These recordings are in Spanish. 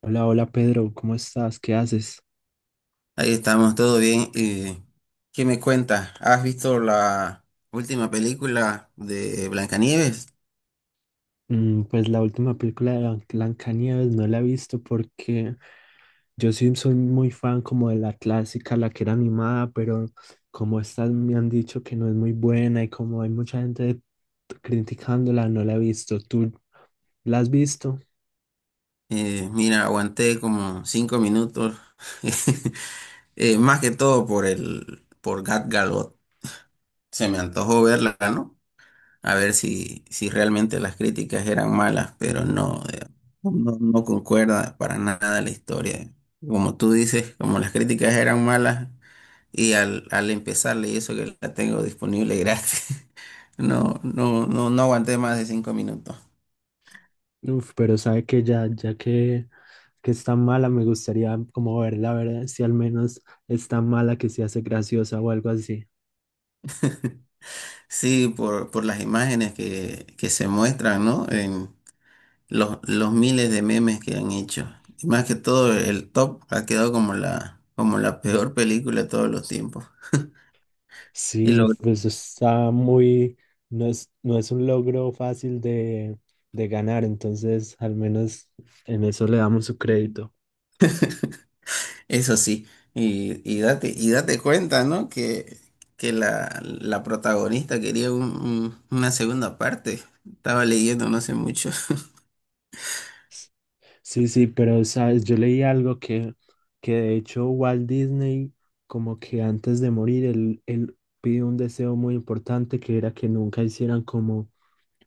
Hola, hola Pedro, ¿cómo estás? ¿Qué haces? Ahí estamos, todo bien. ¿Qué me cuentas? ¿Has visto la última película de Blancanieves? Pues la última película de Blancanieves no la he visto porque yo sí soy muy fan como de la clásica, la que era animada, pero como estas me han dicho que no es muy buena y como hay mucha gente criticándola, no la he visto. ¿Tú la has visto? Mira, aguanté como 5 minutos. Más que todo por Gat Gadot. Se me antojó verla, ¿no? A ver si realmente las críticas eran malas, pero no, no, no concuerda para nada la historia. Como tú dices, como las críticas eran malas y al empezar, y eso que la tengo disponible gratis. No, no, no, no aguanté más de 5 minutos. Uf, pero sabe que ya que está mala, me gustaría como verla, a ver si al menos está mala que se hace graciosa o algo así. Sí, por las imágenes que se muestran, ¿no? En los miles de memes que han hecho. Y más que todo, el top ha quedado como la peor película de todos los tiempos. Y Sí, lo pues está muy, no es un logro fácil de ganar, entonces al menos en eso le damos su crédito. Eso sí, y date cuenta, ¿no? Que la protagonista quería una segunda parte. Estaba leyendo, no sé mucho. S- Sí, sí, pero sabes, yo leí algo que de hecho Walt Disney, como que antes de morir, él pidió un deseo muy importante que era que nunca hicieran como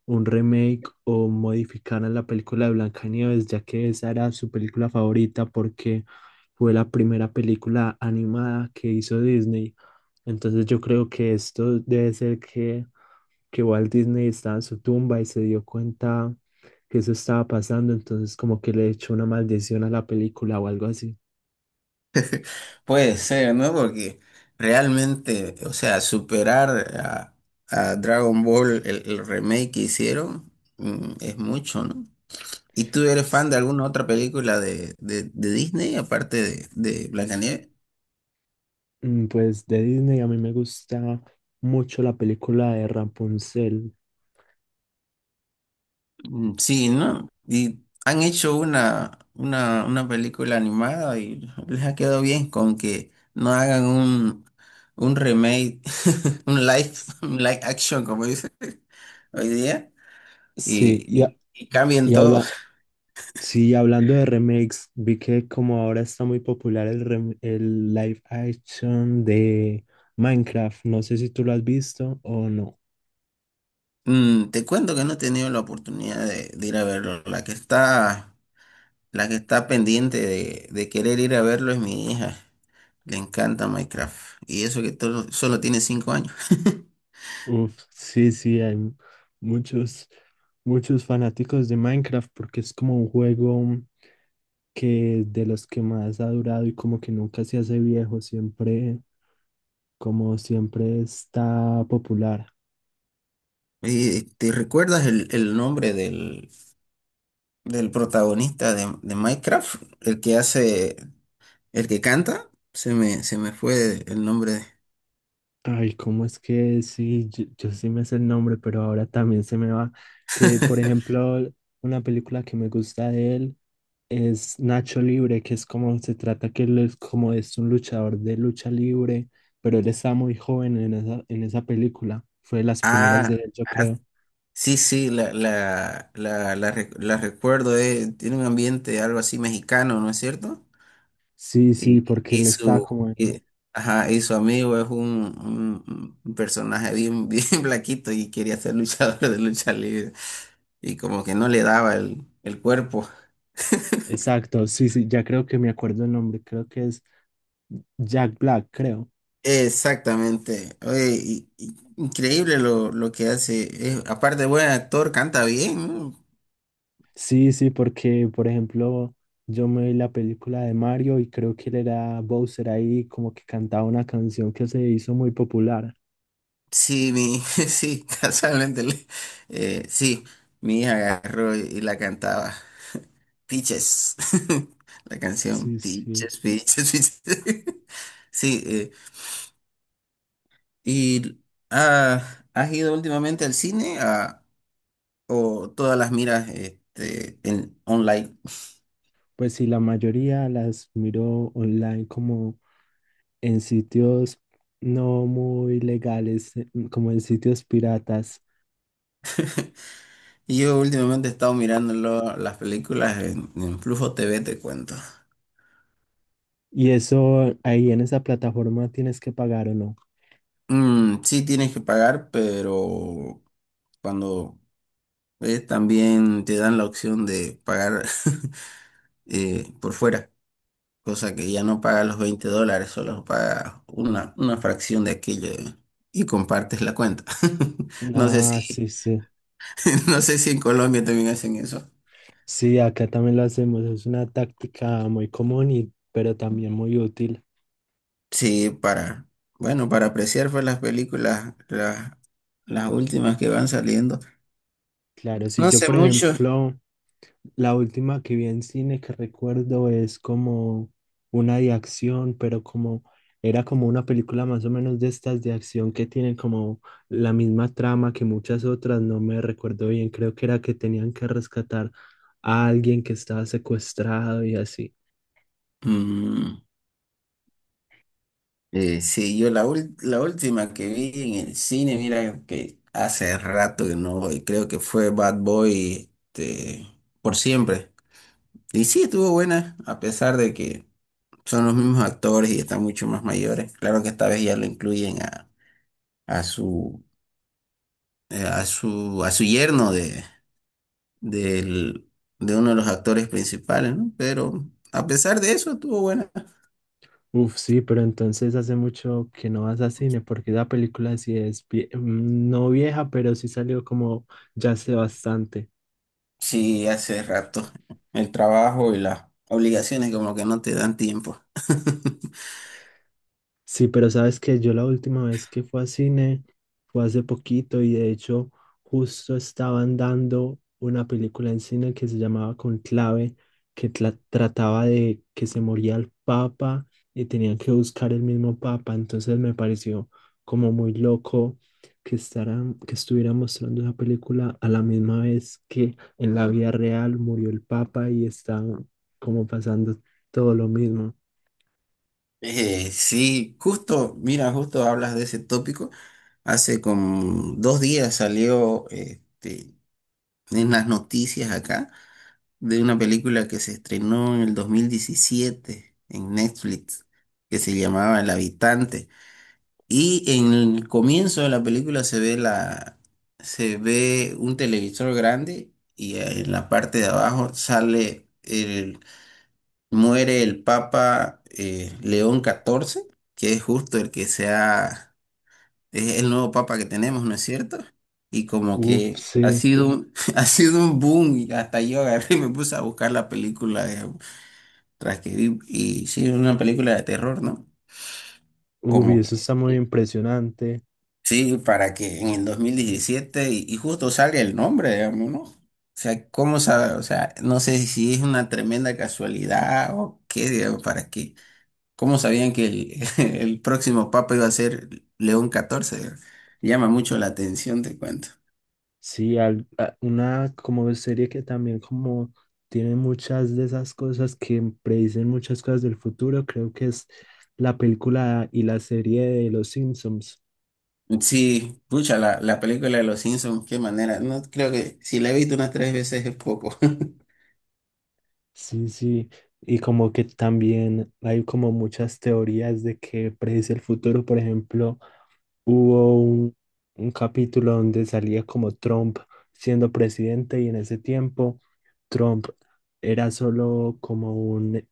un remake o modificaran la película de Blancanieves, ya que esa era su película favorita porque fue la primera película animada que hizo Disney. Entonces yo creo que esto debe ser que Walt Disney estaba en su tumba y se dio cuenta que eso estaba pasando, entonces como que le echó una maldición a la película o algo así. Puede ser, ¿no? Porque realmente, o sea, superar a, a Dragon Ball, el remake que hicieron, es mucho, ¿no? ¿Y tú eres fan S- de alguna otra película de Disney, aparte de Blancanieves? Pues de Disney a mí me gusta mucho la película de Rapunzel. Mm, sí, ¿no? Y han hecho una película animada, y les ha quedado bien con que no hagan un remake, un live, S- un live action, como dicen hoy día, Sí, y cambien y todo. Sí, hablando de remakes, vi que como ahora está muy popular el, el live action de Minecraft. No sé si tú lo has visto o no. Te cuento que no he tenido la oportunidad de ir a verlo. La que está pendiente de querer ir a verlo es mi hija. Le encanta Minecraft. Y eso que solo tiene 5 años. Uf, sí, sí, hay muchos, muchos fanáticos de Minecraft porque es como un juego que de los que más ha durado y como que nunca se hace viejo, siempre, como siempre está popular. ¿Te recuerdas el nombre del protagonista de Minecraft? El que canta. Se me fue el nombre. Ay, ¿cómo es que sí? Yo sí me sé el nombre, pero ahora también se me va. Que, por ejemplo, una película que me gusta de él es Nacho Libre, que es como se trata que él es como es un luchador de lucha libre, pero él está muy joven en en esa película. Fue de las primeras de Ah, él, yo ah, creo. sí, sí, la recuerdo. Tiene un ambiente algo así mexicano, ¿no es cierto? Sí, sí, Y, porque y él está su, como en... y- ajá, y su amigo es un personaje bien, bien blaquito, y quería ser luchador de lucha libre. Y como que no le daba el cuerpo. Exacto, sí, sí, ya creo que me acuerdo el nombre, creo que es Jack Black, creo. Exactamente. Oye, increíble lo que hace. Aparte, buen actor, canta bien, ¿no? Sí, sí, porque por ejemplo, yo me vi la película de Mario y creo que él era Bowser ahí, como que cantaba una canción que se hizo muy popular. Sí, sí, casualmente. Sí, mi hija agarró y la cantaba. Peaches. La canción Sí, sí. Peaches, Peaches, Peaches. Sí, y ¿has ido últimamente al cine, o todas las miras, en online? Pues sí, la mayoría las miro online como en sitios no muy legales, como en sitios piratas. Y yo últimamente he estado mirando las películas en Flujo TV, te cuento. Y eso ahí en esa plataforma tienes que pagar o no. Sí, tienes que pagar, pero cuando ves también te dan la opción de pagar por fuera, cosa que ya no pagas los 20 dólares, solo pagas una fracción de aquello, y compartes la cuenta. No sé Ah, si, sí, sí. no sé si en Colombia también hacen eso. Sí, acá también lo hacemos. Es una táctica muy común y pero también muy útil. Sí, bueno, para apreciar pues las películas, las últimas que van saliendo. Claro, si No yo, hace por mucho. ejemplo, la última que vi en cine que recuerdo es como una de acción, pero como era como una película más o menos de estas de acción que tienen como la misma trama que muchas otras, no me recuerdo bien, creo que era que tenían que rescatar a alguien que estaba secuestrado y así. Mm, sí, yo la última que vi en el cine, mira que hace rato que no voy, creo que fue Bad Boy, por siempre. Y sí, estuvo buena, a pesar de que son los mismos actores y están mucho más mayores. Claro que esta vez ya lo incluyen a su, a su yerno del, de uno de los actores principales, ¿no? Pero a pesar de eso, estuvo buena. Uf, sí, pero entonces hace mucho que no vas a cine porque esa película sí es, no vieja, pero sí salió como ya hace bastante. Sí, hace rato. El trabajo y las obligaciones como que no te dan tiempo. Sí, pero sabes que yo la última vez que fui a cine fue hace poquito y de hecho justo estaban dando una película en cine que se llamaba Conclave, que trataba de que se moría el Papa y tenían que buscar el mismo Papa. Entonces me pareció como muy loco que que estuviera mostrando esa película a la misma vez que en la vida real murió el Papa y está como pasando todo lo mismo. Sí, justo, mira, justo hablas de ese tópico. Hace como 2 días salió, en las noticias acá, de una película que se estrenó en el 2017 en Netflix, que se llamaba El Habitante. Y en el comienzo de la película se ve un televisor grande, y en la parte de abajo sale muere el Papa, León XIV, que es justo es el nuevo Papa que tenemos, ¿no es cierto? Y como Uf, que ha sí. sido, sí, ha sido un boom, y hasta yo agarré y me puse a buscar la película, tras que vi, y sí, una película de terror, ¿no? Uy, Como eso está muy impresionante. Sí, para que en el 2017 y justo sale el nombre, digamos, ¿no? O sea, ¿cómo sabe? O sea, no sé si es una tremenda casualidad o qué, digamos, para qué. ¿Cómo sabían que el próximo papa iba a ser León XIV, digamos? Llama mucho la atención, te cuento. Sí, una como serie que también como tiene muchas de esas cosas que predicen muchas cosas del futuro, creo que es la película y la serie de Los Simpsons. Sí, pucha, la película de los Simpsons, qué manera. No creo que si la he visto unas 3 veces es poco. Sí, sí, y como que también hay como muchas teorías de que predice el futuro. Por ejemplo, hubo un, un capítulo donde salía como Trump siendo presidente y en ese tiempo Trump era solo como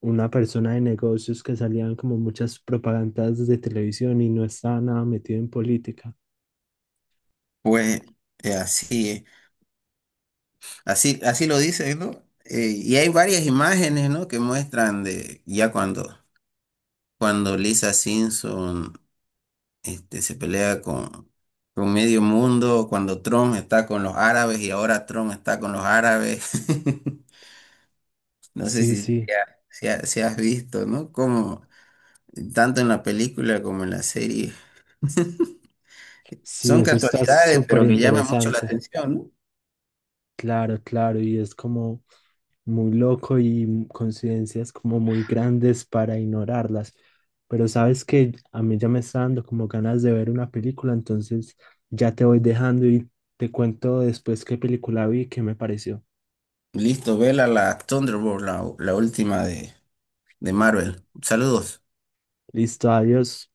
una persona de negocios que salían como muchas propagandas de televisión y no estaba nada metido en política. Pues así es. Así, así lo dice, ¿no? Y hay varias imágenes, ¿no?, que muestran de ya cuando Lisa Simpson, se pelea con medio mundo, cuando Trump está con los árabes, y ahora Trump está con los árabes. No sé Sí, si, sí, te ha- si, ha- si has visto, ¿no? Como tanto en la película como en la serie. sí, Son eso está casualidades, súper pero que llaman mucho la interesante. atención, ¿no? Claro, claro, y es como muy loco y coincidencias como muy grandes para ignorarlas. Pero sabes que a mí ya me está dando como ganas de ver una película, entonces ya te voy dejando y te cuento después qué película vi y qué me pareció. Listo, vela la Thunderbolt, la última de Marvel. Saludos. Listo, adiós.